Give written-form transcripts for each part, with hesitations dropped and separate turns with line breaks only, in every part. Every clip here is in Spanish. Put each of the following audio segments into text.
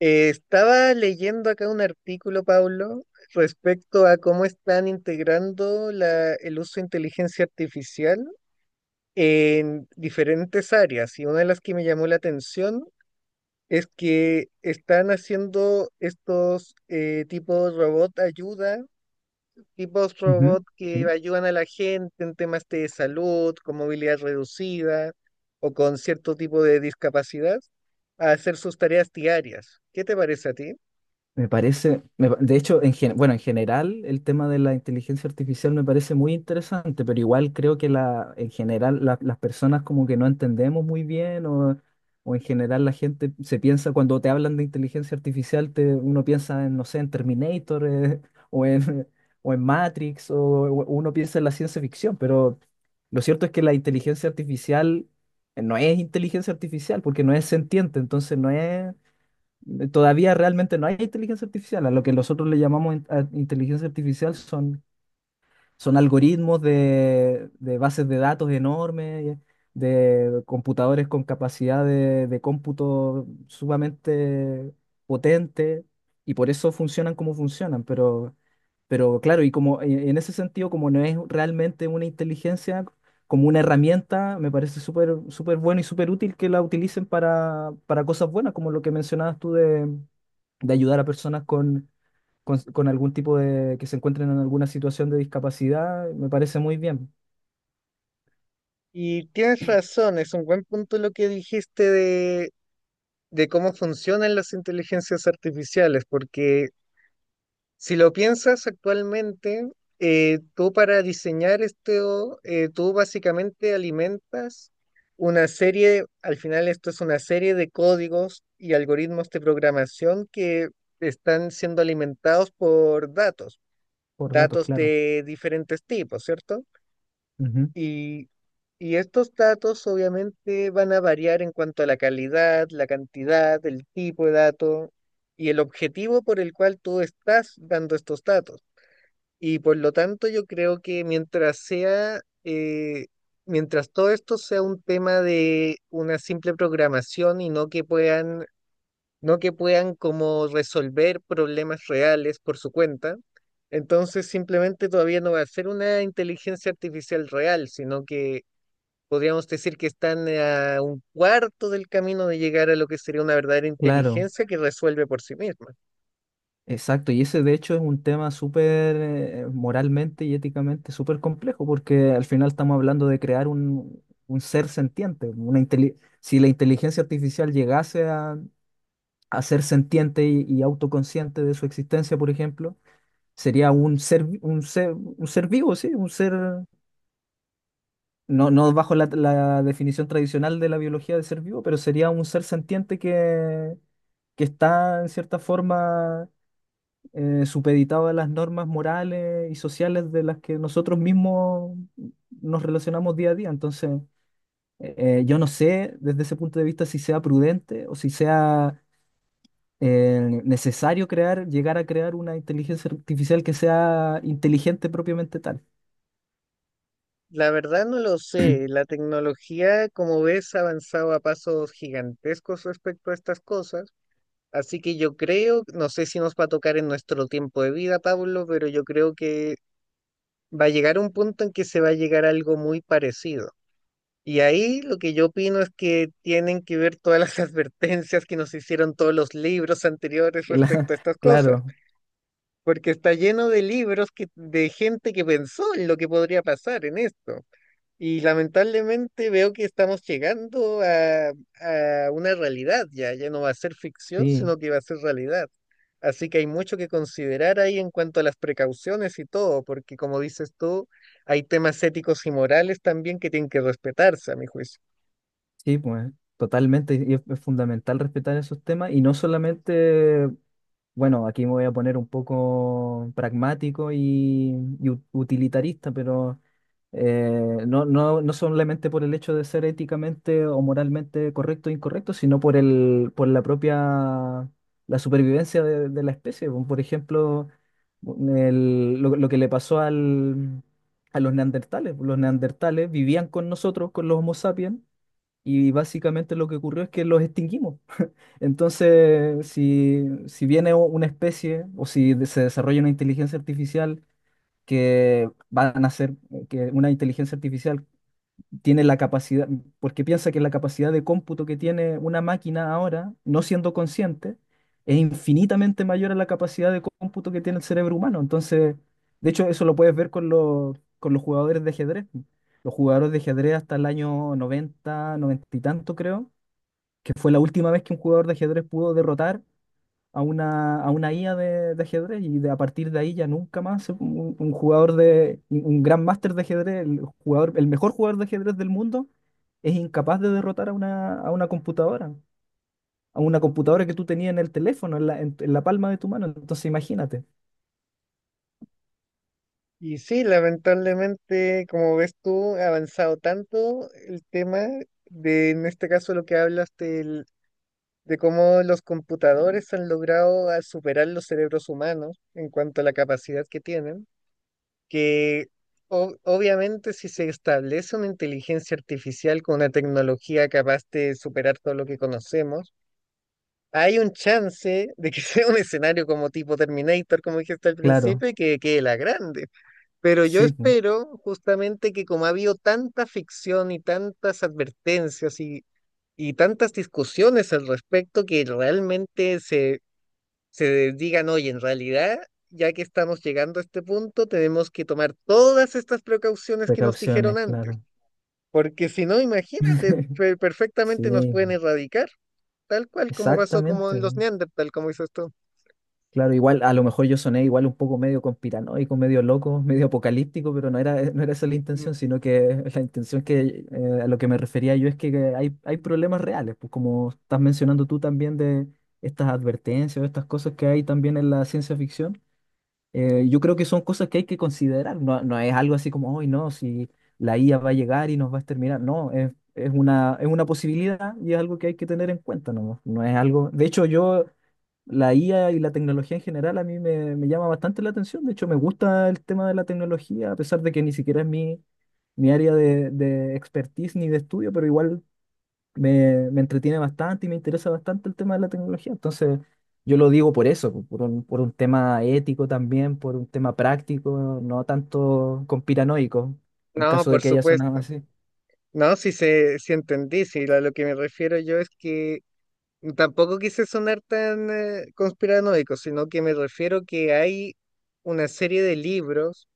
Estaba leyendo acá un artículo, Pablo, respecto a cómo están integrando el uso de inteligencia artificial en diferentes áreas. Y una de las que me llamó la atención es que están haciendo estos tipos robot ayuda, tipos
Ujú.
robot que
Sí,
ayudan a la gente en temas de salud, con movilidad reducida o con cierto tipo de discapacidad, a hacer sus tareas diarias. ¿Qué te parece a ti?
me parece, de hecho, en general el tema de la inteligencia artificial me parece muy interesante, pero igual creo que en general las personas como que no entendemos muy bien, o en general la gente se piensa, cuando te hablan de inteligencia artificial, uno piensa en, no sé, en Terminator o en, o en Matrix , o uno piensa en la ciencia ficción, pero lo cierto es que la inteligencia artificial no es inteligencia artificial porque no es sentiente, entonces no es... Todavía realmente no hay inteligencia artificial. A lo que nosotros le llamamos inteligencia artificial son algoritmos de bases de datos enormes, de computadores con capacidad de cómputo sumamente potente, y por eso funcionan como funcionan. Pero claro, y como en ese sentido, como no es realmente una inteligencia, como una herramienta, me parece súper súper bueno y súper útil que la utilicen para cosas buenas, como lo que mencionabas tú de ayudar a personas con algún tipo que se encuentren en alguna situación de discapacidad, me parece muy bien.
Y tienes razón, es un buen punto lo que dijiste de cómo funcionan las inteligencias artificiales, porque si lo piensas actualmente, tú para diseñar esto, tú básicamente alimentas una serie, al final esto es una serie de códigos y algoritmos de programación que están siendo alimentados por datos,
Por datos,
datos
claro.
de diferentes tipos, ¿cierto?
Ujú.
Y, y estos datos obviamente van a variar en cuanto a la calidad, la cantidad, el tipo de dato y el objetivo por el cual tú estás dando estos datos. Y por lo tanto yo creo que mientras sea, mientras todo esto sea un tema de una simple programación y no que puedan, no que puedan como resolver problemas reales por su cuenta, entonces simplemente todavía no va a ser una inteligencia artificial real, sino que podríamos decir que están a un cuarto del camino de llegar a lo que sería una verdadera
Claro,
inteligencia que resuelve por sí misma.
exacto. Y ese de hecho es un tema súper moralmente y éticamente súper complejo, porque al final estamos hablando de crear un ser sentiente. Si la inteligencia artificial llegase a ser sentiente y autoconsciente de su existencia, por ejemplo, sería un un un ser vivo, sí, un ser no bajo la definición tradicional de la biología de ser vivo, pero sería un ser sentiente que está en cierta forma supeditado a las normas morales y sociales de las que nosotros mismos nos relacionamos día a día. Entonces, yo no sé desde ese punto de vista si sea prudente o si sea necesario crear, llegar a crear una inteligencia artificial que sea inteligente propiamente tal.
La verdad no lo sé. La tecnología, como ves, ha avanzado a pasos gigantescos respecto a estas cosas. Así que yo creo, no sé si nos va a tocar en nuestro tiempo de vida, Pablo, pero yo creo que va a llegar un punto en que se va a llegar a algo muy parecido. Y ahí lo que yo opino es que tienen que ver todas las advertencias que nos hicieron todos los libros anteriores
Y la-
respecto a estas cosas.
claro,
Porque está lleno de libros que, de gente que pensó en lo que podría pasar en esto. Y lamentablemente veo que estamos llegando a una realidad ya, ya no va a ser ficción,
sí.
sino que va a ser realidad. Así que hay mucho que considerar ahí en cuanto a las precauciones y todo, porque como dices tú, hay temas éticos y morales también que tienen que respetarse, a mi juicio.
Sí, pues totalmente, y es fundamental respetar esos temas y no solamente, bueno, aquí me voy a poner un poco pragmático y utilitarista, pero no solamente por el hecho de ser éticamente o moralmente correcto o incorrecto, sino por por la propia, la supervivencia de la especie. Bueno, por ejemplo, lo que le pasó a los neandertales. Los neandertales vivían con nosotros, con los Homo sapiens, y básicamente lo que ocurrió es que los extinguimos. Entonces, si viene una especie o si se desarrolla una inteligencia artificial que van a ser, que una inteligencia artificial tiene la capacidad, porque piensa que la capacidad de cómputo que tiene una máquina ahora, no siendo consciente, es infinitamente mayor a la capacidad de cómputo que tiene el cerebro humano. Entonces, de hecho, eso lo puedes ver con con los jugadores de ajedrez. Los jugadores de ajedrez hasta el año 90 90 y tanto, creo que fue la última vez que un jugador de ajedrez pudo derrotar a a una IA de ajedrez a partir de ahí ya nunca más un un gran máster de ajedrez, el mejor jugador de ajedrez del mundo, es incapaz de derrotar a a una computadora que tú tenías en el teléfono, en en la palma de tu mano. Entonces, imagínate.
Y sí, lamentablemente, como ves tú, ha avanzado tanto el tema de, en este caso, lo que hablas del de cómo los computadores han logrado a superar los cerebros humanos en cuanto a la capacidad que tienen, que obviamente si se establece una inteligencia artificial con una tecnología capaz de superar todo lo que conocemos, hay un chance de que sea un escenario como tipo Terminator, como dijiste al
Claro,
principio, y que quede la grande. Pero yo
sí, po.
espero justamente que como ha habido tanta ficción y tantas advertencias y tantas discusiones al respecto que realmente se se digan, oye, en realidad, ya que estamos llegando a este punto, tenemos que tomar todas estas precauciones que nos dijeron
Precauciones,
antes,
claro.
porque si no, imagínate, perfectamente nos
Sí,
pueden erradicar, tal cual como pasó como
exactamente.
en los Neandertal, como dices tú.
Claro, igual a lo mejor yo soné igual un poco medio conspiranoico, medio loco, medio apocalíptico, pero no no era esa la
Mm.
intención, sino que la intención que a lo que me refería yo es que hay, hay problemas reales, pues como estás mencionando tú también de estas advertencias o estas cosas que hay también en la ciencia ficción. Yo creo que son cosas que hay que considerar, no, no es algo así como, hoy no, si la IA va a llegar y nos va a exterminar. No, es una posibilidad y es algo que hay que tener en cuenta. No, no es algo, de hecho yo, la IA y la tecnología en general a mí me llama bastante la atención. De hecho me gusta el tema de la tecnología, a pesar de que ni siquiera es mi, mi área de expertise ni de estudio, pero igual me entretiene bastante y me interesa bastante el tema de la tecnología. Entonces, yo lo digo por eso, por por un tema ético también, por un tema práctico, no tanto conspiranoico, en
No,
caso de
por
que haya sonado
supuesto.
así.
No, si se, si entendí, si a lo que me refiero yo es que tampoco quise sonar tan conspiranoico, sino que me refiero que hay una serie de libros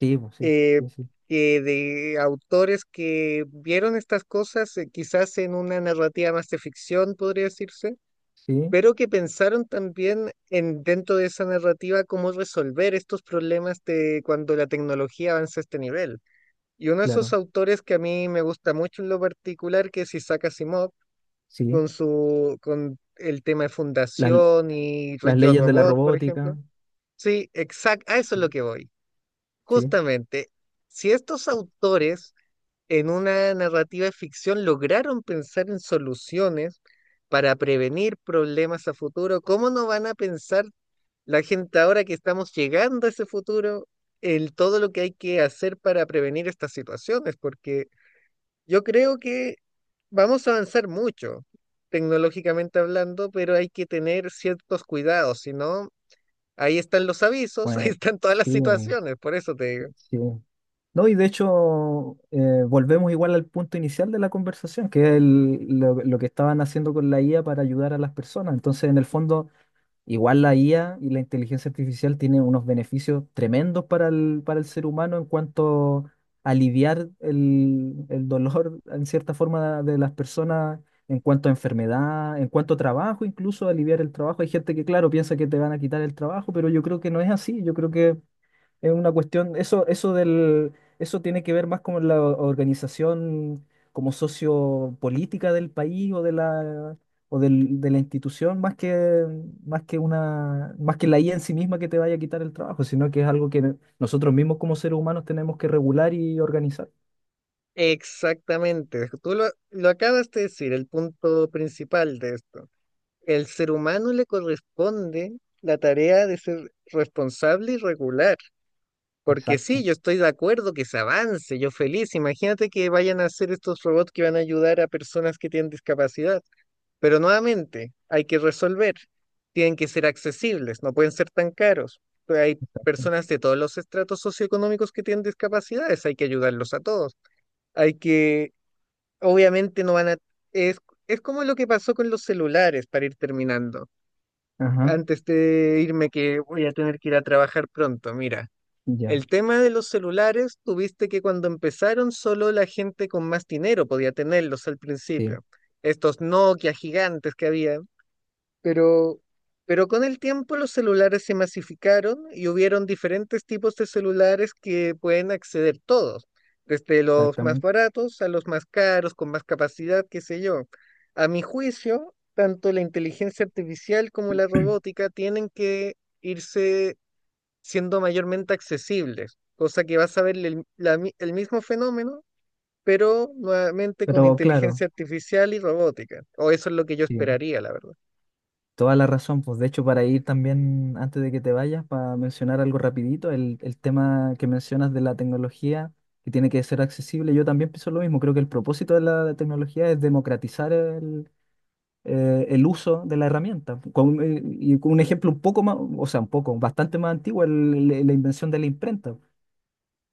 Sí, pues, sí,
eh,
sí, sí,
que de autores que vieron estas cosas, quizás en una narrativa más de ficción, podría decirse,
sí,
pero que pensaron también en dentro de esa narrativa cómo resolver estos problemas de cuando la tecnología avanza a este nivel. Y uno de esos
claro,
autores que a mí me gusta mucho en lo particular, que es Isaac Asimov,
sí.
con su, con el tema de
Las,
fundación y
las
Yo
leyes de la
Robot, por ejemplo.
robótica,
Sí, exacto, a eso es
sí,
lo que voy.
sí,
Justamente, si estos autores en una narrativa de ficción lograron pensar en soluciones para prevenir problemas a futuro, ¿cómo no van a pensar la gente ahora que estamos llegando a ese futuro en todo lo que hay que hacer para prevenir estas situaciones? Porque yo creo que vamos a avanzar mucho tecnológicamente hablando, pero hay que tener ciertos cuidados, si no, ahí están los avisos, ahí
pues,
están todas las
sí,
situaciones, por eso te digo.
sí. No, y de hecho, volvemos igual al punto inicial de la conversación, que es lo que estaban haciendo con la IA para ayudar a las personas. Entonces, en el fondo, igual la IA y la inteligencia artificial tienen unos beneficios tremendos para para el ser humano en cuanto a aliviar el dolor, en cierta forma, de las personas, en cuanto a enfermedad, en cuanto a trabajo, incluso aliviar el trabajo. Hay gente que, claro, piensa que te van a quitar el trabajo, pero yo creo que no es así. Yo creo que es una cuestión, eso tiene que ver más con la organización como sociopolítica del país o de de la institución, más que más que la IA en sí misma que te vaya a quitar el trabajo, sino que es algo que nosotros mismos como seres humanos tenemos que regular y organizar.
Exactamente, tú lo acabas de decir, el punto principal de esto. El ser humano le corresponde la tarea de ser responsable y regular, porque sí,
Exacto.
yo estoy de acuerdo que se avance, yo feliz, imagínate que vayan a hacer estos robots que van a ayudar a personas que tienen discapacidad, pero nuevamente hay que resolver, tienen que ser accesibles, no pueden ser tan caros. Hay personas de todos los estratos socioeconómicos que tienen discapacidades, hay que ayudarlos a todos, hay que obviamente no van a... Es, es como lo que pasó con los celulares para ir terminando.
Ajá,
Antes de irme que voy a tener que ir a trabajar pronto, mira.
ya,
El tema de los celulares, tuviste que cuando empezaron solo la gente con más dinero podía tenerlos al
sí,
principio. Estos Nokia gigantes que había. Pero, pero con el tiempo los celulares se masificaron y hubieron diferentes tipos de celulares que pueden acceder todos, desde los más
exactamente.
baratos a los más caros, con más capacidad, qué sé yo. A mi juicio, tanto la inteligencia artificial como la robótica tienen que irse siendo mayormente accesibles, cosa que vas a ver el, el mismo fenómeno, pero nuevamente con
Pero claro,
inteligencia artificial y robótica. O eso es lo que yo
sí.
esperaría, la verdad.
Toda la razón, pues de hecho para ir también, antes de que te vayas, para mencionar algo rapidito, el tema que mencionas de la tecnología, que tiene que ser accesible, yo también pienso lo mismo, creo que el propósito de la tecnología es democratizar el uso de la herramienta. Con, y con un ejemplo un poco más, o sea, un poco, bastante más antiguo, la invención de la imprenta.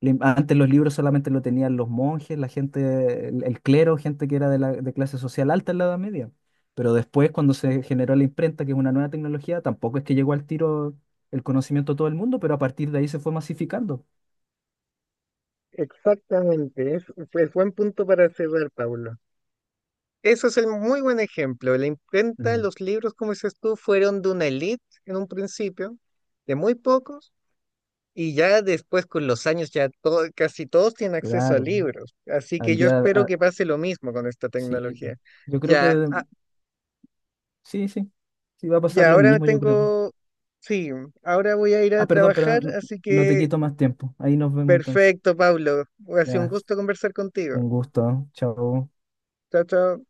Antes los libros solamente lo tenían los monjes, la gente, el clero, gente que era de clase social alta en la Edad Media. Pero después, cuando se generó la imprenta, que es una nueva tecnología, tampoco es que llegó al tiro el conocimiento a todo el mundo, pero a partir de ahí se fue masificando.
Exactamente, es buen punto para cerrar, Pablo. Eso es el muy buen ejemplo. La imprenta,
Mm.
los libros, como dices tú, fueron de una elite en un principio, de muy pocos, y ya después con los años ya todo, casi todos tienen acceso a
Claro,
libros. Así que
al
yo
día,
espero
a-
que pase lo mismo con esta
sí, po.
tecnología.
Yo creo que
Ya,
de-
ah,
Sí, sí, sí va a pasar
ya
lo
ahora me
mismo, yo creo.
tengo, sí, ahora voy a ir
Ah,
a
perdón,
trabajar,
perdón, no,
así
no te
que
quito más tiempo. Ahí nos vemos entonces.
perfecto, Pablo. Ha sido un
Ya,
gusto conversar contigo.
un gusto, ¿eh? Chao.
Chao, chao.